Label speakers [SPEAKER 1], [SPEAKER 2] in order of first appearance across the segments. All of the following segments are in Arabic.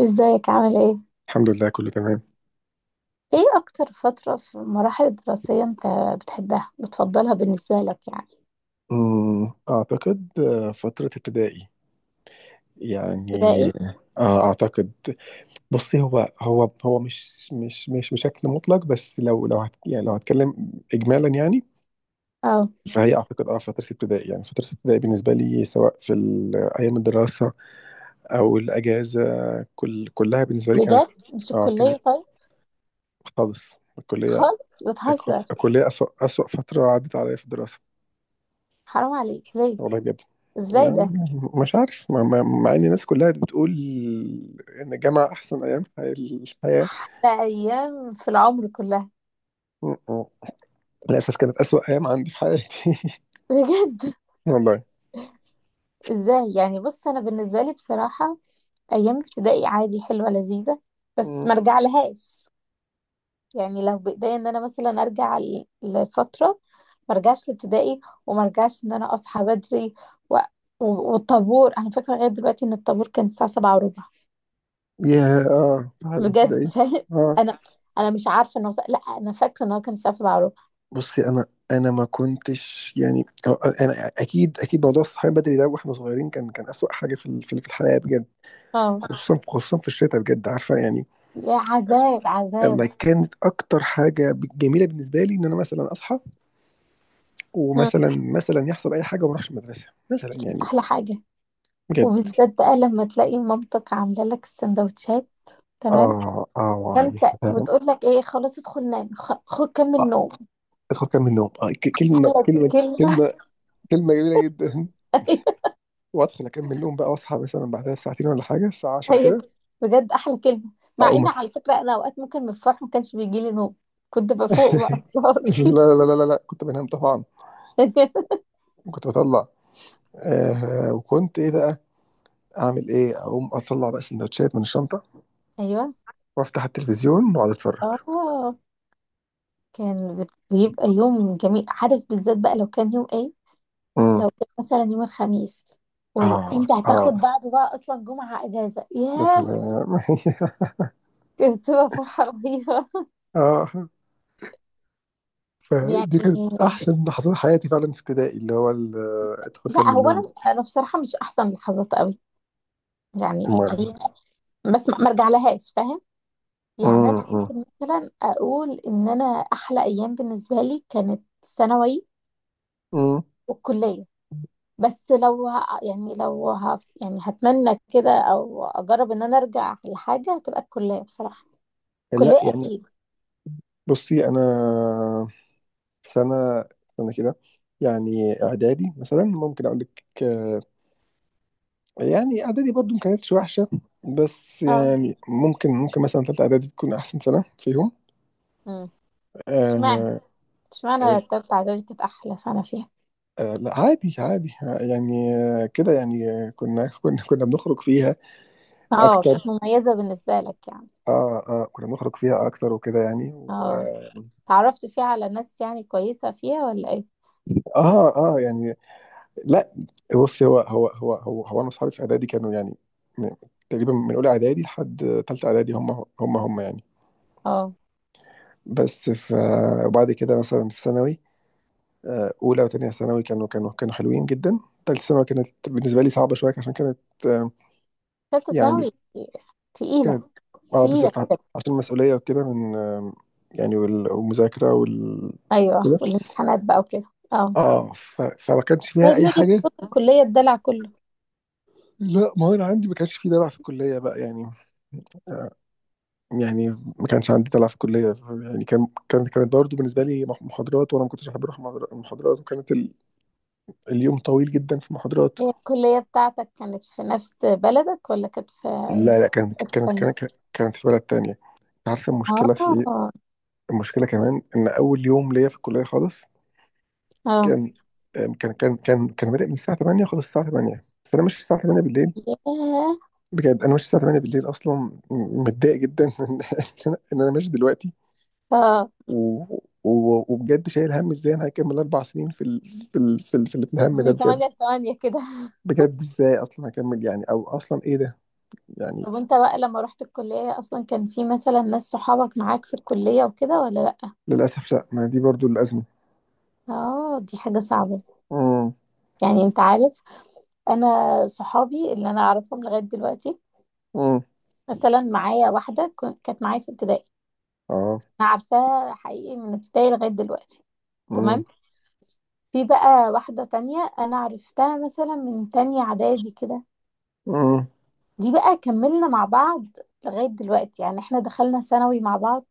[SPEAKER 1] ازيك؟ عامل ايه؟
[SPEAKER 2] الحمد لله كله تمام.
[SPEAKER 1] ايه اكتر فترة في المراحل الدراسية انت بتحبها، بتفضلها بالنسبة لك يعني؟
[SPEAKER 2] أعتقد فترة ابتدائي يعني.
[SPEAKER 1] ابتدائي؟
[SPEAKER 2] أعتقد. بصي هو مش بشكل مطلق، بس لو هتكلم إجمالا يعني.
[SPEAKER 1] اه.
[SPEAKER 2] فهي أعتقد فترة ابتدائي يعني، فترة ابتدائي بالنسبة لي سواء في أيام الدراسة أو الأجازة، كلها بالنسبة لي كانت.
[SPEAKER 1] بجد؟ مش
[SPEAKER 2] أه
[SPEAKER 1] الكلية؟
[SPEAKER 2] كانت.
[SPEAKER 1] طيب
[SPEAKER 2] خالص الكلية.
[SPEAKER 1] خالص، بتهزر.
[SPEAKER 2] الكلية أسوأ، فترة عدت عليا في الدراسة.
[SPEAKER 1] حرام عليك، ليه؟
[SPEAKER 2] والله بجد.
[SPEAKER 1] ازاي
[SPEAKER 2] لا،
[SPEAKER 1] ده؟
[SPEAKER 2] مش عارف مع ان الناس كلها بتقول ان الجامعه احسن ايام في الحياه.
[SPEAKER 1] ده ايام في العمر كلها.
[SPEAKER 2] م- م. للاسف كانت اسوأ ايام عندي في حياتي.
[SPEAKER 1] بجد؟
[SPEAKER 2] والله.
[SPEAKER 1] ازاي يعني؟ بص، انا بالنسبة لي بصراحة ايام ابتدائي عادي حلوة لذيذة، بس
[SPEAKER 2] م.
[SPEAKER 1] ما رجع لهاش. يعني لو بايديا ان انا مثلا ارجع لفتره، ما ارجعش لابتدائي، وما ارجعش ان انا اصحى بدري و... والطابور، انا فاكره لغايه دلوقتي ان الطابور كان الساعه سبعة وربع.
[SPEAKER 2] يا فعلا
[SPEAKER 1] بجد؟
[SPEAKER 2] تصدقي.
[SPEAKER 1] فاهم،
[SPEAKER 2] اه.
[SPEAKER 1] انا انا مش عارفه انه، لا، انا فاكره ان هو كان الساعه سبعة وربع.
[SPEAKER 2] بصي انا ما كنتش يعني، انا اكيد موضوع الصحيان بدري ده واحنا صغيرين، كان اسوأ حاجه في في الحياه بجد.
[SPEAKER 1] اه،
[SPEAKER 2] خصوصا في الشتاء، بجد عارفه يعني.
[SPEAKER 1] يا عذاب عذاب.
[SPEAKER 2] انا كانت اكتر حاجه جميله بالنسبه لي ان انا مثلا اصحى،
[SPEAKER 1] مم.
[SPEAKER 2] ومثلا، يحصل اي حاجه وما اروحش المدرسه مثلا يعني.
[SPEAKER 1] احلى حاجه،
[SPEAKER 2] بجد.
[SPEAKER 1] وبالذات بقى لما تلاقي مامتك عامله لك السندوتشات. تمام.
[SPEAKER 2] اه اه،
[SPEAKER 1] فانت،
[SPEAKER 2] يا سلام.
[SPEAKER 1] وتقول لك ايه؟ خلاص ادخل نام، خد كمل
[SPEAKER 2] آه.
[SPEAKER 1] نوم.
[SPEAKER 2] ادخل اكمل نوم. كلمه
[SPEAKER 1] ولا كلمه.
[SPEAKER 2] كلمه جميله جدا. وادخل اكمل نوم بقى واصحى مثلا بعدها بساعتين ولا حاجه، الساعه 10
[SPEAKER 1] ايوه.
[SPEAKER 2] كده.
[SPEAKER 1] بجد احلى كلمه، مع
[SPEAKER 2] اقوم
[SPEAKER 1] ان
[SPEAKER 2] أت-
[SPEAKER 1] على فكره انا اوقات ممكن من الفرح ما كانش بيجي لي نوم، كنت بفوق بقى خلاص.
[SPEAKER 2] لا، كنت بنام طبعا. وكنت بطلع. آه، وكنت ايه بقى اعمل ايه، اقوم اطلع بقى سندوتشات من الشنطه
[SPEAKER 1] ايوه.
[SPEAKER 2] وافتح التلفزيون واقعد اتفرج.
[SPEAKER 1] اه، كان بيبقى يوم جميل، عارف، بالذات بقى لو كان يوم ايه؟
[SPEAKER 2] امم.
[SPEAKER 1] لو كان مثلا يوم الخميس، ولو
[SPEAKER 2] اه
[SPEAKER 1] انت هتاخد
[SPEAKER 2] اه.
[SPEAKER 1] بعده بقى اصلا جمعه اجازه، ياه،
[SPEAKER 2] مثلا.
[SPEAKER 1] كانت بتبقى فرحه رهيبه
[SPEAKER 2] اه. فدي
[SPEAKER 1] يعني.
[SPEAKER 2] كانت احسن لحظات حياتي فعلا في ابتدائي، ادخل فين
[SPEAKER 1] لا،
[SPEAKER 2] من
[SPEAKER 1] هو
[SPEAKER 2] النوم.
[SPEAKER 1] انا بصراحه مش احسن لحظات قوي يعني، هي
[SPEAKER 2] ما-
[SPEAKER 1] بس ما ارجع لهاش، فاهم؟ يعني
[SPEAKER 2] أمم،
[SPEAKER 1] انا ممكن مثلا اقول ان انا احلى ايام بالنسبه لي كانت ثانوي
[SPEAKER 2] أمم.
[SPEAKER 1] والكليه. بس لو يعني لو يعني هتمنى كده او اجرب ان انا ارجع لحاجه، هتبقى الكليه بصراحه.
[SPEAKER 2] لا
[SPEAKER 1] الكليه
[SPEAKER 2] يعني.
[SPEAKER 1] اكيد.
[SPEAKER 2] بصي انا سنه سنه كده، يعني اعدادي مثلا ممكن اقول لك يعني اعدادي برضو ما كانتش وحشه، بس
[SPEAKER 1] اه.
[SPEAKER 2] يعني ممكن مثلا ثالثه اعدادي تكون احسن سنه فيهم.
[SPEAKER 1] امم اشمعنى
[SPEAKER 2] آه.
[SPEAKER 1] اشمعنى التالتة اعدادي كانت احلى سنه فيها؟
[SPEAKER 2] لا عادي يعني، كده يعني، كنا بنخرج فيها
[SPEAKER 1] اه، كانت
[SPEAKER 2] اكتر.
[SPEAKER 1] مميزه بالنسبه لك يعني؟
[SPEAKER 2] اه اه، كنا بنخرج فيها اكتر وكده يعني. و...
[SPEAKER 1] اه، تعرفت فيها على ناس يعني كويسه فيها ولا ايه؟
[SPEAKER 2] اه اه يعني. لا. بص هو انا اصحابي في اعدادي كانوا يعني، م- تقريبا من اولى اعدادي لحد ثالثه اعدادي هم، يعني.
[SPEAKER 1] اه،
[SPEAKER 2] بس ف وبعد كده مثلا في ثانوي، اولى وثانيه ثانوي كانوا حلوين جدا. ثالثه ثانوي كانت بالنسبه لي صعبه شويه عشان كانت، آه،
[SPEAKER 1] تالتة
[SPEAKER 2] يعني
[SPEAKER 1] ثانوي تقيله.
[SPEAKER 2] كانت. اه
[SPEAKER 1] تقيله
[SPEAKER 2] بالظبط،
[SPEAKER 1] كده.
[SPEAKER 2] عشان المسؤوليه وكده، من يعني والمذاكره
[SPEAKER 1] ايوه،
[SPEAKER 2] كده.
[SPEAKER 1] والامتحانات بقى وكده. اه،
[SPEAKER 2] اه فما كانش فيها
[SPEAKER 1] طيب
[SPEAKER 2] اي
[SPEAKER 1] نيجي
[SPEAKER 2] حاجه.
[SPEAKER 1] لفترة الكلية، الدلع كله.
[SPEAKER 2] لا ما هو انا عندي ما كانش في دلع في الكليه بقى يعني. يعني ما كانش عندي دلع في الكليه، يعني كانت برضه بالنسبه لي محاضرات، وانا ما كنتش بحب اروح محاضرات، وكانت اليوم طويل جدا في محاضرات.
[SPEAKER 1] هي الكلية بتاعتك كانت في نفس بلدك ولا كانت في
[SPEAKER 2] لا لا
[SPEAKER 1] حتة تانية؟
[SPEAKER 2] كانت في بلد تانية. انت عارفه المشكله في ايه؟
[SPEAKER 1] اه
[SPEAKER 2] المشكله كمان، ان اول يوم ليا في الكليه خالص
[SPEAKER 1] اه.
[SPEAKER 2] كان، كان بادئ من الساعه 8، خلص الساعه 8، فانا ماشي الساعه 8 بالليل.
[SPEAKER 1] ياه.
[SPEAKER 2] بجد انا ماشي الساعه 8 بالليل اصلا، متضايق جدا إن انا، إن أنا ماشي دلوقتي.
[SPEAKER 1] اه،
[SPEAKER 2] و... وبجد شايل هم ازاي انا هكمل 4 سنين في في الهم ده
[SPEAKER 1] من
[SPEAKER 2] بجد.
[SPEAKER 1] تمانية لتمانية كده.
[SPEAKER 2] بجد ازاي اصلا هكمل يعني، او اصلا ايه ده يعني.
[SPEAKER 1] طب وانت بقى لما رحت الكلية أصلا، كان في مثلا ناس صحابك معاك في الكلية وكده ولا لأ؟
[SPEAKER 2] للاسف لا، ما دي برضو الازمه.
[SPEAKER 1] اه، دي حاجة صعبة.
[SPEAKER 2] امم.
[SPEAKER 1] يعني انت عارف، أنا صحابي اللي أنا أعرفهم لغاية دلوقتي،
[SPEAKER 2] امم.
[SPEAKER 1] مثلا معايا واحدة كانت معايا في ابتدائي،
[SPEAKER 2] اه.
[SPEAKER 1] أنا عارفاها حقيقي من ابتدائي لغاية دلوقتي.
[SPEAKER 2] امم.
[SPEAKER 1] تمام. في بقى واحدة تانية أنا عرفتها مثلا من تانية إعدادي كده،
[SPEAKER 2] امم.
[SPEAKER 1] دي بقى كملنا مع بعض لغاية دلوقتي. يعني احنا دخلنا ثانوي مع بعض،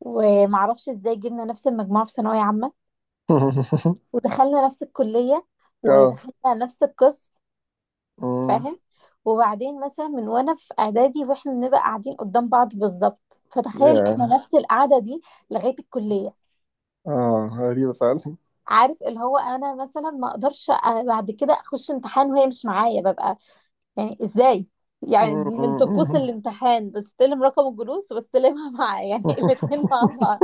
[SPEAKER 1] ومعرفش ازاي جبنا نفس المجموعة في ثانوية عامة، ودخلنا نفس الكلية،
[SPEAKER 2] اه.
[SPEAKER 1] ودخلنا نفس القسم،
[SPEAKER 2] امم.
[SPEAKER 1] فاهم؟ وبعدين مثلا من وأنا في إعدادي، واحنا بنبقى قاعدين قدام بعض بالظبط، فتخيل
[SPEAKER 2] يا
[SPEAKER 1] احنا نفس القعدة دي لغاية الكلية.
[SPEAKER 2] اه، غريبه فعلا.
[SPEAKER 1] عارف اللي هو انا مثلا ما اقدرش بعد كده اخش امتحان وهي مش معايا، ببقى يعني ازاي؟ يعني دي من طقوس
[SPEAKER 2] أمم.
[SPEAKER 1] الامتحان، بستلم رقم الجلوس وبستلمها، مع يعني الاتنين مع بعض.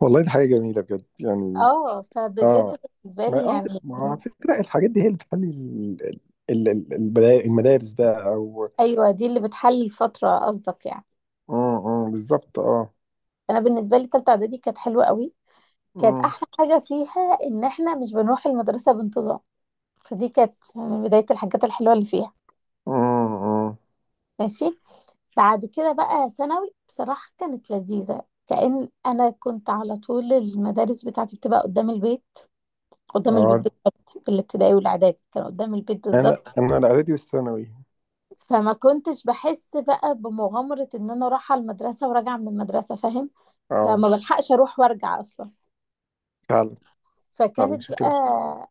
[SPEAKER 2] والله دي حاجه جميله بجد يعني.
[SPEAKER 1] اه، فبجد
[SPEAKER 2] اه.
[SPEAKER 1] بالنسبة
[SPEAKER 2] ما
[SPEAKER 1] لي
[SPEAKER 2] اه،
[SPEAKER 1] يعني.
[SPEAKER 2] ما هو على فكرة الحاجات دي هي اللي بتخلي المدارس بقى او.
[SPEAKER 1] ايوه، دي اللي بتحل الفترة قصدك يعني.
[SPEAKER 2] بالظبط اه.
[SPEAKER 1] انا بالنسبة لي تالتة اعدادي كانت حلوة قوي، كانت
[SPEAKER 2] امم.
[SPEAKER 1] احلى حاجة فيها ان احنا مش بنروح المدرسة بانتظام، فدي كانت يعني بداية الحاجات الحلوة اللي فيها.
[SPEAKER 2] امم.
[SPEAKER 1] ماشي. بعد كده بقى ثانوي بصراحة كانت لذيذة، كأن انا كنت على طول المدارس بتاعتي بتبقى قدام البيت.
[SPEAKER 2] اه
[SPEAKER 1] قدام البيت
[SPEAKER 2] اه.
[SPEAKER 1] بالظبط، الابتدائي والاعدادي كان قدام البيت
[SPEAKER 2] انا
[SPEAKER 1] بالظبط،
[SPEAKER 2] انا الاعدادي والثانوي.
[SPEAKER 1] فما كنتش بحس بقى بمغامرة ان انا رايحة المدرسة وراجعة من المدرسة، فاهم؟ لا،
[SPEAKER 2] اه،
[SPEAKER 1] ما بلحقش اروح وارجع اصلا.
[SPEAKER 2] فعلا فعلا
[SPEAKER 1] فكانت
[SPEAKER 2] عشان
[SPEAKER 1] بقى،
[SPEAKER 2] كده.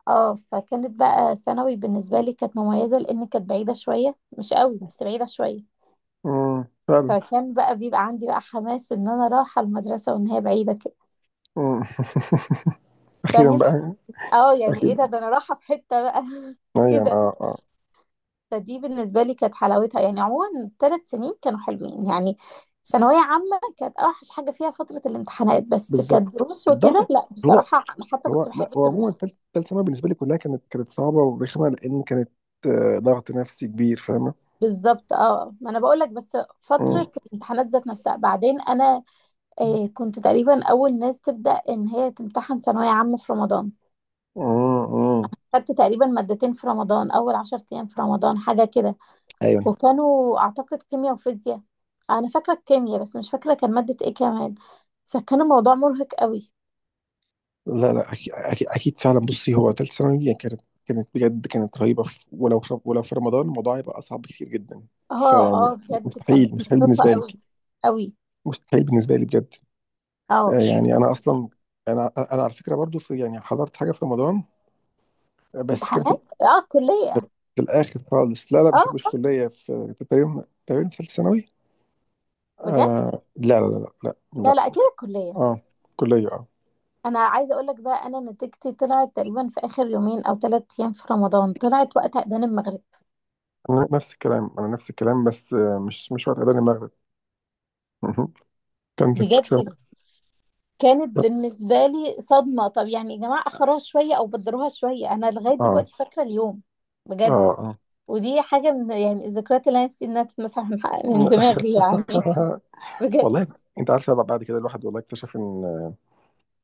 [SPEAKER 1] اه، فكانت بقى ثانوي بالنسبة لي كانت مميزة، لان كانت بعيدة شوية، مش قوي بس بعيدة شوية،
[SPEAKER 2] فعلا.
[SPEAKER 1] فكان بقى بيبقى عندي بقى حماس ان انا رايحة المدرسة، وان هي بعيدة كده،
[SPEAKER 2] امم. اخيرا
[SPEAKER 1] فاهم؟
[SPEAKER 2] بقى.
[SPEAKER 1] اه يعني، ايه
[SPEAKER 2] اخيرا.
[SPEAKER 1] ده انا رايحة في حتة بقى
[SPEAKER 2] ايوه
[SPEAKER 1] كده.
[SPEAKER 2] اه اه
[SPEAKER 1] فدي بالنسبة لي كانت حلاوتها، يعني عموما الثلاث سنين كانوا حلوين يعني. ثانوية عامة كانت أوحش حاجة فيها فترة الامتحانات، بس
[SPEAKER 2] بالظبط.
[SPEAKER 1] كدروس وكده
[SPEAKER 2] الضغط
[SPEAKER 1] لا
[SPEAKER 2] هو،
[SPEAKER 1] بصراحة أنا حتى كنت
[SPEAKER 2] لا
[SPEAKER 1] بحب
[SPEAKER 2] هو
[SPEAKER 1] الدروس.
[SPEAKER 2] عموما تالت ثانوي بالنسبة لي كلها كانت صعبة ورخمة، لأن كانت ضغط نفسي كبير، فاهمة.
[SPEAKER 1] بالظبط. اه، ما أنا بقولك، بس
[SPEAKER 2] امم.
[SPEAKER 1] فترة الامتحانات ذات نفسها، بعدين أنا كنت تقريبا أول ناس تبدأ إن هي تمتحن ثانوية عامة في رمضان،
[SPEAKER 2] امم.
[SPEAKER 1] خدت تقريبا مادتين في رمضان، أول عشر أيام في رمضان حاجة كده،
[SPEAKER 2] ايوه.
[SPEAKER 1] وكانوا اعتقد كيمياء وفيزياء. انا فاكره الكيمياء بس مش فاكره كان ماده ايه كمان. فكان الموضوع مرهق قوي.
[SPEAKER 2] لا لا أكيد فعلا. بصي هو تالت ثانوي يعني كانت، بجد كانت رهيبة، ولو في رمضان الموضوع هيبقى أصعب بكتير جدا.
[SPEAKER 1] اه
[SPEAKER 2] فيعني
[SPEAKER 1] اه، بجد كانت
[SPEAKER 2] مستحيل
[SPEAKER 1] مرهقه
[SPEAKER 2] بالنسبة لي.
[SPEAKER 1] قوي. قوي.
[SPEAKER 2] مستحيل بالنسبة لي بجد.
[SPEAKER 1] اه،
[SPEAKER 2] يعني أنا أصلا، أنا على فكرة برضو، في يعني حضرت حاجة في رمضان، بس كان
[SPEAKER 1] امتحانات. اه الكليه.
[SPEAKER 2] في الآخر خالص. لا لا مش في
[SPEAKER 1] اه
[SPEAKER 2] كلية، في في تقريبا، في تالت ثانوي.
[SPEAKER 1] بجد.
[SPEAKER 2] آه لا لا لا لا لا
[SPEAKER 1] لا
[SPEAKER 2] لا.
[SPEAKER 1] لا، اكيد الكليه.
[SPEAKER 2] اه كلية اه.
[SPEAKER 1] انا عايزه اقول لك بقى، انا نتيجتي طلعت تقريبا في اخر يومين او ثلاث ايام في رمضان، طلعت وقت اذان المغرب.
[SPEAKER 2] أنا نفس الكلام، بس مش وقت أذان المغرب. كانت
[SPEAKER 1] بجد.
[SPEAKER 2] كانت-
[SPEAKER 1] كانت بالنسبه لي صدمه، طب يعني يا جماعه اخروها شويه او بدروها شويه، انا لغايه
[SPEAKER 2] اه
[SPEAKER 1] دلوقتي فاكره اليوم،
[SPEAKER 2] اه
[SPEAKER 1] بجد.
[SPEAKER 2] اه.
[SPEAKER 1] ودي حاجة من يعني الذكريات اللي أنا نفسي إنها تتمسح من دماغي يعني. بجد.
[SPEAKER 2] والله. انت عارفه بقى، بعد كده الواحد والله اكتشف ان،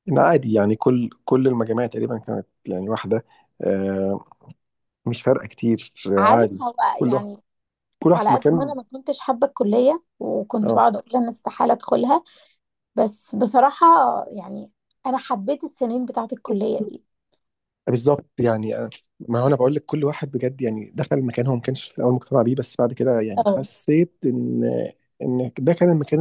[SPEAKER 2] ان عادي يعني كل المجاميع تقريبا كانت يعني واحده، آه، مش فارقه كتير.
[SPEAKER 1] عارف،
[SPEAKER 2] عادي.
[SPEAKER 1] هو
[SPEAKER 2] كل واحد،
[SPEAKER 1] يعني
[SPEAKER 2] في
[SPEAKER 1] على قد ما أنا
[SPEAKER 2] مكان.
[SPEAKER 1] ما كنتش حابة الكلية، وكنت
[SPEAKER 2] اه
[SPEAKER 1] بقعد أقول أنا استحالة أدخلها، بس بصراحة يعني أنا حبيت السنين بتاعة الكلية دي.
[SPEAKER 2] بالظبط يعني. ما هو انا بقول لك كل واحد بجد يعني دخل مكان هو ما كانش في الاول مقتنع بيه، بس بعد كده يعني
[SPEAKER 1] اه،
[SPEAKER 2] حسيت ان، ان ده كان المكان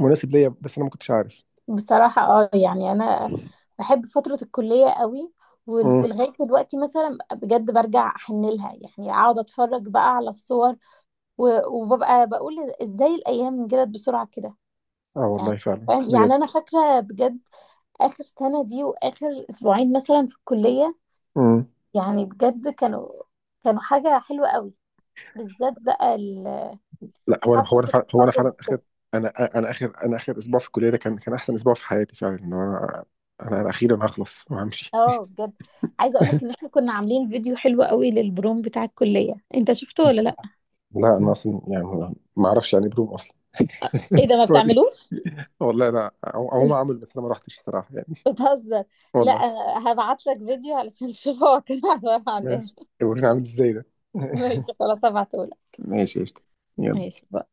[SPEAKER 2] المناسب ليا، بس انا ما كنتش عارف.
[SPEAKER 1] بصراحة اه يعني أنا بحب فترة الكلية قوي،
[SPEAKER 2] مم.
[SPEAKER 1] ولغاية دلوقتي مثلا بجد برجع أحن لها، يعني أقعد أتفرج بقى على الصور، وببقى بقول إزاي الأيام جرت بسرعة كده
[SPEAKER 2] اه
[SPEAKER 1] يعني،
[SPEAKER 2] والله فعلا.
[SPEAKER 1] فاهم؟ يعني انا فاكره بجد اخر سنه دي، واخر اسبوعين مثلا في الكليه،
[SPEAKER 2] بجد.
[SPEAKER 1] يعني بجد كانوا حاجه حلوه قوي، بالذات بقى
[SPEAKER 2] لا هو انا هو
[SPEAKER 1] حفله
[SPEAKER 2] انا فعلا هو انا
[SPEAKER 1] التخرج
[SPEAKER 2] فعلا اخر،
[SPEAKER 1] وكده.
[SPEAKER 2] انا انا اخر اسبوع في الكليه ده، كان احسن اسبوع في حياتي فعلا. ان انا، انا اخيرا هخلص وهمشي.
[SPEAKER 1] اه، بجد عايزه اقول لك، ان احنا كنا عاملين فيديو حلو قوي للبروم بتاع الكليه، انت شفته ولا لا؟
[SPEAKER 2] لا انا اصلا يعني ما اعرفش يعني إيه بروم اصلا.
[SPEAKER 1] ايه ده، ما
[SPEAKER 2] وري.
[SPEAKER 1] بتعملوش؟
[SPEAKER 2] والله انا عموما عامل، بس انا ما رحتش الصراحه يعني.
[SPEAKER 1] بتهزر. لا،
[SPEAKER 2] والله.
[SPEAKER 1] أنا هبعت لك فيديو علشان تشوف هو كان عباره عن
[SPEAKER 2] ماشي.
[SPEAKER 1] ايه.
[SPEAKER 2] وريني عامل ازاي ده.
[SPEAKER 1] ماشي، خلاص هبعته لك.
[SPEAKER 2] ماشي قشطة. يلا.
[SPEAKER 1] ماشي.